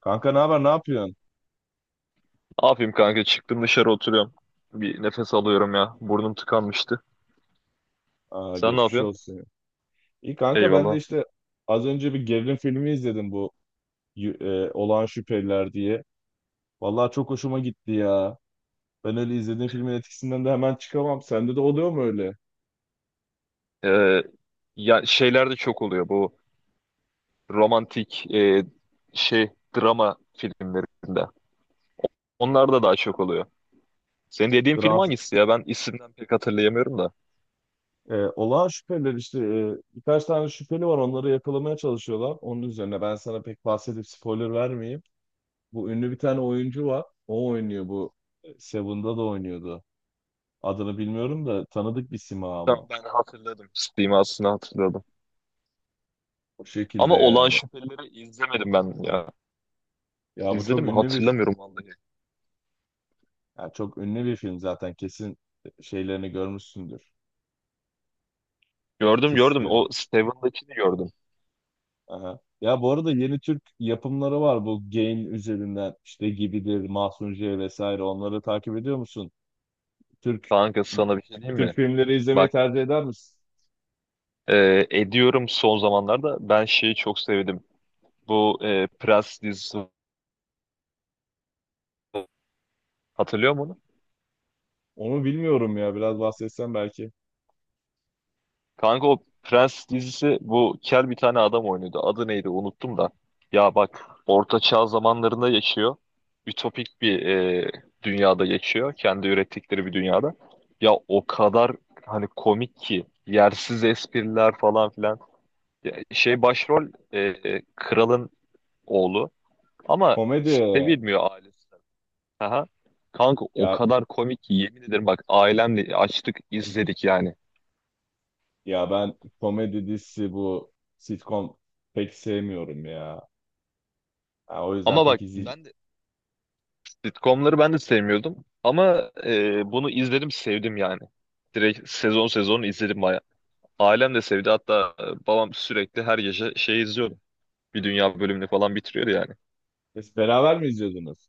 Kanka ne haber, ne yapıyorsun? Ne yapayım kanka? Çıktım dışarı oturuyorum. Bir nefes alıyorum ya. Burnum tıkanmıştı. Aa, Sen ne geçmiş yapıyorsun? olsun. İyi kanka, ben de Eyvallah. işte az önce bir gerilim filmi izledim, bu Olağan Şüpheliler diye. Vallahi çok hoşuma gitti ya. Ben öyle izlediğim filmin etkisinden de hemen çıkamam. Sende de oluyor mu öyle? Ee, ya şeyler de çok oluyor bu romantik şey drama filmlerinde. Onlar da daha çok oluyor. Senin dediğin film Dram, hangisi ya? Ben isimden pek hatırlayamıyorum da. Olağan Şüpheliler işte, birkaç tane şüpheli var, onları yakalamaya çalışıyorlar. Onun üzerine ben sana pek bahsedip spoiler vermeyeyim. Bu ünlü bir tane oyuncu var. O oynuyor bu. Seven'da da oynuyordu. Adını bilmiyorum da tanıdık bir sima Tamam ama. ben hatırladım. Simasını hatırladım. O şekilde Ama Olağan yani. Şüphelileri izlemedim ben ya. Ya bu İzledim çok mi? ünlü bir Hatırlamıyorum vallahi. ya çok ünlü bir film zaten, kesin şeylerini görmüşsündür. Gördüm gördüm. Kesitlerini. O Steven'dakini gördüm. Aha. Ya, bu arada yeni Türk yapımları var, bu Game üzerinden işte Gibidir, Mahsun J vesaire, onları takip ediyor musun? Türk Kanka sana bir şey diyeyim Türk mi? filmleri izlemeyi Bak, tercih eder misin? Ediyorum son zamanlarda. Ben şeyi çok sevdim. Bu Prens dizisi, hatırlıyor musun onu? Onu bilmiyorum ya, biraz bahsetsen belki. Kanka o Prens dizisi bu kel bir tane adam oynuyordu. Adı neydi unuttum da. Ya bak, Orta Çağ zamanlarında yaşıyor. Ütopik bir dünyada geçiyor. Kendi ürettikleri bir dünyada. Ya o kadar hani komik ki. Yersiz espriler falan filan. Ya Bak, şey başrol kralın oğlu. Ama Komedi sevilmiyor ailesi. Aha. Kanka o ya kadar komik ki yemin ederim bak ailemle açtık izledik yani. ya ben komedi dizisi, bu sitcom, pek sevmiyorum ya. Ha, o yüzden Ama bak pek ben izleyeceğim. de sitcomları ben de sevmiyordum ama bunu izledim sevdim yani. Direkt sezon sezon izledim baya. Ailem de sevdi hatta babam sürekli her gece şey izliyordu. Bir dünya bölümünü falan bitiriyordu yani. Beraber mi izliyordunuz?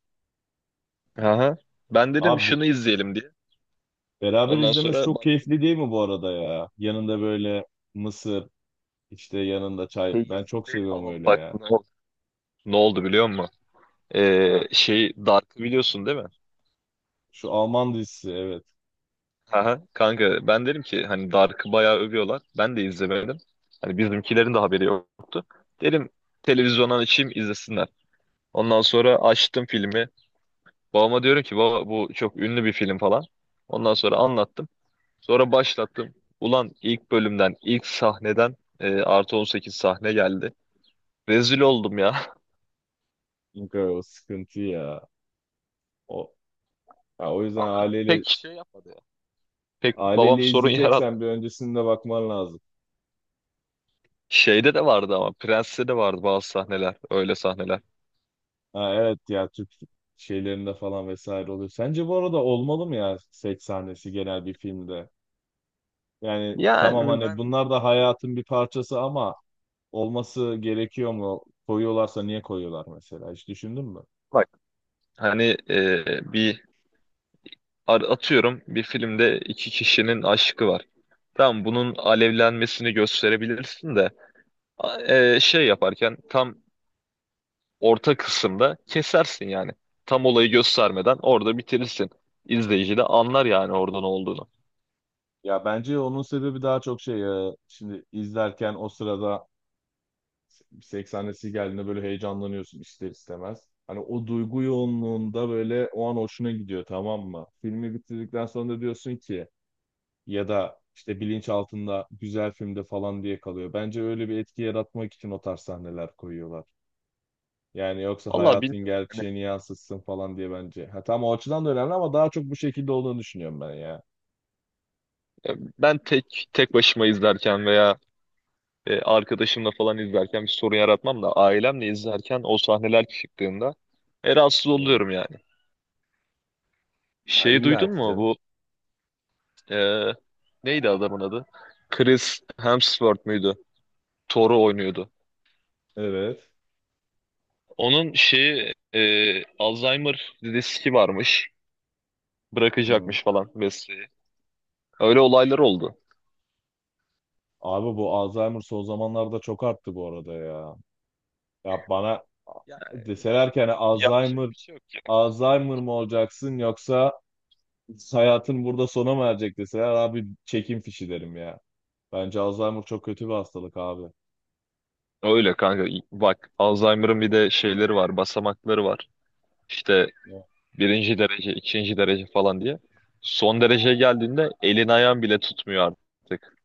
Aha. Ben dedim Abi bu şunu izleyelim diye. Beraber Ondan izlemesi sonra çok bak, keyifli değil mi bu arada ya? Yanında böyle mısır, işte yanında çay. Ben çok keyifli seviyorum ama öyle bak ya. ne oldu, ne oldu biliyor musun? Ha, Şey Dark'ı biliyorsun değil mi? şu Alman dizisi, evet. Aha, kanka ben derim ki hani Dark'ı bayağı övüyorlar. Ben de izlemedim. Hani bizimkilerin de haberi yoktu. Derim televizyondan açayım izlesinler. Ondan sonra açtım filmi. Babama diyorum ki baba bu çok ünlü bir film falan. Ondan sonra anlattım. Sonra başlattım. Ulan ilk bölümden, ilk sahneden +18 sahne geldi. Rezil oldum ya. Çünkü o sıkıntı ya. O, ya o yüzden Ama aileyle pek şey yapmadı ya. Pek babam aileyle sorun yaratmadı. izleyeceksen bir öncesinde bakman lazım. Şeyde de vardı ama Prens'te de vardı bazı sahneler. Öyle sahneler. Ha, evet, ya Türk şeylerinde falan vesaire oluyor. Sence bu arada olmalı mı ya seks sahnesi genel bir filmde? Yani tamam, Yani hani ben... bunlar da hayatın bir parçası ama olması gerekiyor mu? Koyuyorlarsa niye koyuyorlar mesela? Hiç düşündün mü? Hani bir atıyorum bir filmde iki kişinin aşkı var. Tamam bunun alevlenmesini gösterebilirsin de şey yaparken tam orta kısımda kesersin yani. Tam olayı göstermeden orada bitirirsin. İzleyici de anlar yani orada ne olduğunu. Ya bence onun sebebi daha çok şey ya. Şimdi izlerken o sırada 80'lisi geldiğinde böyle heyecanlanıyorsun ister istemez. Hani o duygu yoğunluğunda böyle o an hoşuna gidiyor, tamam mı? Filmi bitirdikten sonra da diyorsun ki ya da işte bilinç altında güzel filmde falan diye kalıyor. Bence öyle bir etki yaratmak için o tarz sahneler koyuyorlar. Yani yoksa Vallahi hayatın bilmiyorum. Hani, gerçeğini yansıtsın falan diye bence. Ha, tam o açıdan da önemli ama daha çok bu şekilde olduğunu düşünüyorum ben ya. Ben tek tek başıma izlerken veya arkadaşımla falan izlerken bir sorun yaratmam da ailemle izlerken o sahneler çıktığında rahatsız Evet. oluyorum yani. Ha, Şey illa duydun ki mu? canım. Ee, neydi adamın adı? Chris Hemsworth muydu? Thor'u oynuyordu. Evet. Onun şeyi Alzheimer riski varmış. Hı hı. Bırakacakmış falan mesleği. Öyle olaylar oldu. Abi bu Alzheimer son zamanlarda çok arttı bu arada ya. Ya bana Ya, deseler ki, hani yapacak Alzheimer bir şey yok ya. Alzheimer mı olacaksın yoksa hayatın burada sona mı erecek deseler, abi çekim fişi derim ya. Bence Alzheimer çok kötü bir hastalık abi. Öyle kanka. Bak, Alzheimer'ın bir de şeyleri var. Basamakları var. İşte Ya. birinci derece, ikinci derece falan diye. Son dereceye geldiğinde elin ayağın bile tutmuyor artık.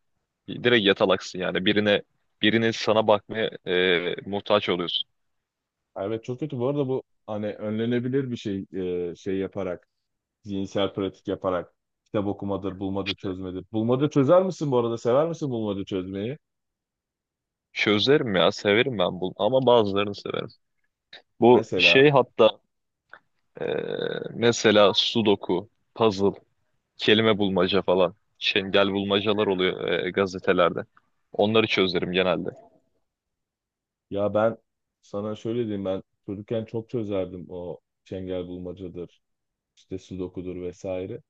Direkt yatalaksın yani. Birinin sana bakmaya muhtaç oluyorsun. Evet, çok kötü. Bu arada bu hani önlenebilir bir şey, şey yaparak, zihinsel pratik yaparak. Kitap okumadır, bulmaca çözmedir. Bulmaca çözer misin bu arada? Sever misin bulmaca çözmeyi? Çözerim ya severim ben bunu ama bazılarını severim. Bu Mesela. şey hatta e, mesela sudoku, puzzle, kelime bulmaca falan, çengel bulmacalar oluyor gazetelerde. Onları çözerim genelde. Ya ben sana şöyle diyeyim, ben çocukken çok çözerdim o çengel bulmacadır, işte sudokudur vesaire.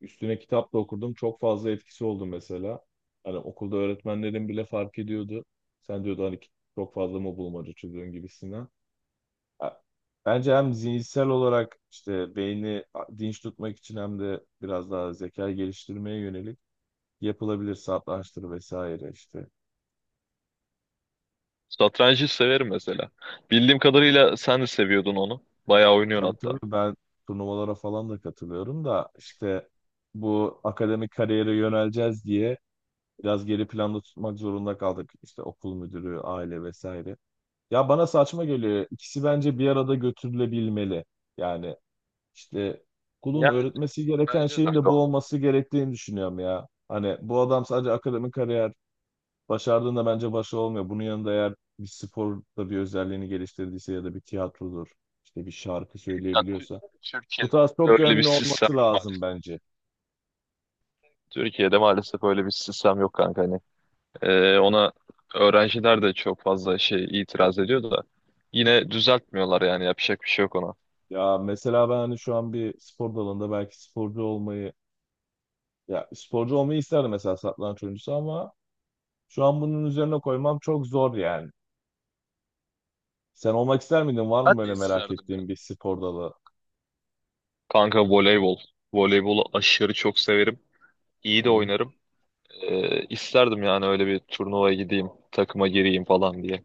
Üstüne kitap da okurdum. Çok fazla etkisi oldu mesela. Hani okulda öğretmenlerin bile fark ediyordu. Sen diyordu hani çok fazla mı bulmaca çözüyorsun gibisinden. Ya, bence hem zihinsel olarak işte beyni dinç tutmak için hem de biraz daha zekayı geliştirmeye yönelik yapılabilir, satrançtır vesaire işte. Satrancı severim mesela. Bildiğim kadarıyla sen de seviyordun onu. Bayağı oynuyorsun Tabii hatta. tabii, ben turnuvalara falan da katılıyorum da işte bu akademik kariyere yöneleceğiz diye biraz geri planda tutmak zorunda kaldık. İşte okul müdürü, aile vesaire. Ya bana saçma geliyor. İkisi bence bir arada götürülebilmeli. Yani işte okulun Yani öğretmesi gereken bence de şeyin de öyle bu olmalı. olması gerektiğini düşünüyorum ya. Hani bu adam sadece akademik kariyer başardığında bence başı olmuyor. Bunun yanında eğer bir sporda bir özelliğini geliştirdiyse ya da bir tiyatrodur, işte bir şarkı Ya, söyleyebiliyorsa bu tarz Türkiye'de çok öyle bir yönlü sistem olması yok lazım maalesef. bence. Türkiye'de maalesef öyle bir sistem yok kanka. Hani, ona öğrenciler de çok fazla şey itiraz ediyor da yine düzeltmiyorlar yani yapacak bir şey yok ona. Ya mesela ben hani şu an bir spor dalında belki sporcu olmayı, ya sporcu olmayı isterdim mesela satranç oyuncusu ama şu an bunun üzerine koymam çok zor yani. Sen olmak ister miydin? Var mı Ben de böyle merak isterdim yani. ettiğin bir spor dalı? Kanka voleybol. Voleybolu aşırı çok severim. İyi de Hı. oynarım. İsterdim yani öyle bir turnuvaya gideyim, takıma gireyim falan diye.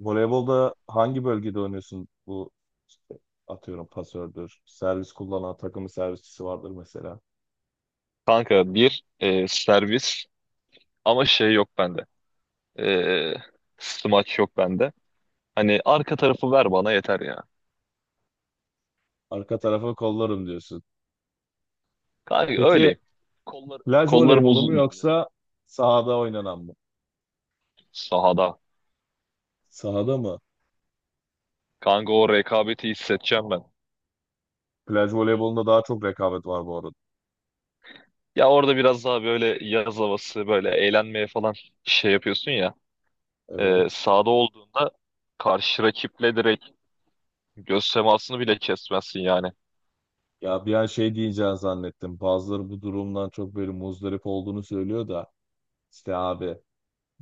Voleybolda hangi bölgede oynuyorsun? Bu işte atıyorum pasördür, servis kullanan takımın servisçisi vardır mesela. Kanka bir servis ama şey yok bende. Ee, smaç yok bende. Hani arka tarafı ver bana yeter ya. Arka tarafa kollarım diyorsun. Kanka Peki, öyleyim. Kollar, plaj kollarım voleybolu mu uzun yoksa sahada oynanan mı? sahada. Sahada mı? Kanka o rekabeti hissedeceğim ben. Plaj voleybolunda daha çok rekabet var bu arada. Ya orada biraz daha böyle yaz havası böyle eğlenmeye falan şey yapıyorsun ya. Evet. Sahada olduğunda karşı rakiple direkt göz temasını bile kesmezsin yani. Ya bir an şey diyeceğini zannettim. Bazıları bu durumdan çok böyle muzdarip olduğunu söylüyor da, işte abi,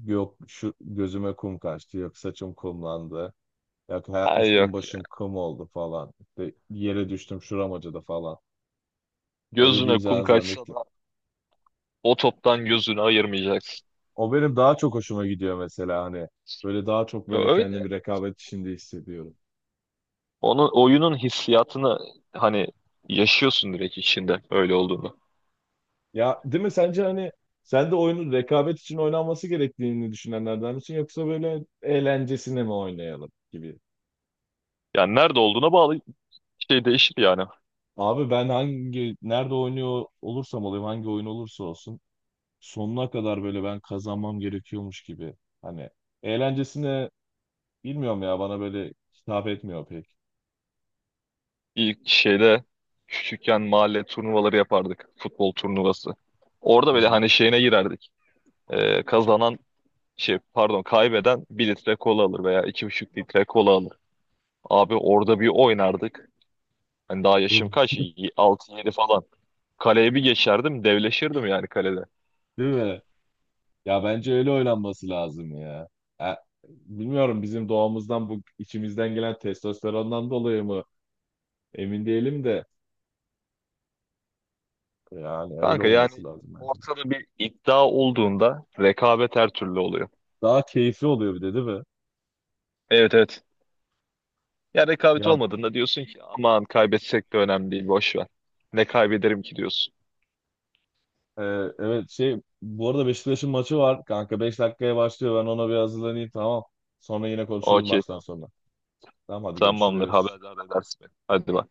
yok şu gözüme kum kaçtı, yok saçım kumlandı. Yok, Ay üstüm yok ya. başım kum oldu falan. İşte yere düştüm, şuram acıdı falan. Öyle Gözüne kum diyeceğini kaçsa zannettim. da o toptan gözünü ayırmayacaksın. O benim daha çok hoşuma gidiyor mesela hani. Böyle daha çok Ya, böyle öyle. kendimi rekabet içinde hissediyorum. Onun oyunun hissiyatını hani yaşıyorsun direkt içinde öyle olduğunu. Ya değil mi sence, hani sen de oyunun rekabet için oynanması gerektiğini düşünenlerden misin yoksa böyle eğlencesine mi oynayalım gibi? Yani nerede olduğuna bağlı şey değişir yani. Abi ben hangi nerede oynuyor olursam olayım, hangi oyun olursa olsun sonuna kadar böyle ben kazanmam gerekiyormuş gibi. Hani eğlencesine, bilmiyorum ya, bana böyle hitap etmiyor pek. İlk şeyde küçükken mahalle turnuvaları yapardık. Futbol turnuvası. Orada Hı böyle hı. hani şeyine girerdik. Kazanan şey pardon kaybeden bir litre kola alır veya 2,5 litre kola alır. Abi orada bir oynardık. Hani daha yaşım Öyle. kaç? 6 yedi falan. Kaleye bir geçerdim devleşirdim yani kalede. Değil mi? Ya bence öyle oynanması lazım ya. E, bilmiyorum, bizim doğamızdan bu içimizden gelen testosterondan dolayı mı emin değilim de, yani öyle Kanka olması yani lazım bence. ortada bir iddia olduğunda rekabet her türlü oluyor. Daha keyifli oluyor bir de değil mi? Evet evet. Ya rekabet Ya, olmadığında diyorsun ki aman kaybetsek de önemli değil boş ver. Ne kaybederim ki diyorsun. e, evet, bu arada Beşiktaş'ın maçı var kanka, 5 dakikaya başlıyor, ben ona bir hazırlanayım, tamam. Sonra yine konuşuruz Okey maçtan tamam. sonra. Tamam, hadi Tamamdır görüşürüz. haberdar edersin beni. Hadi bak.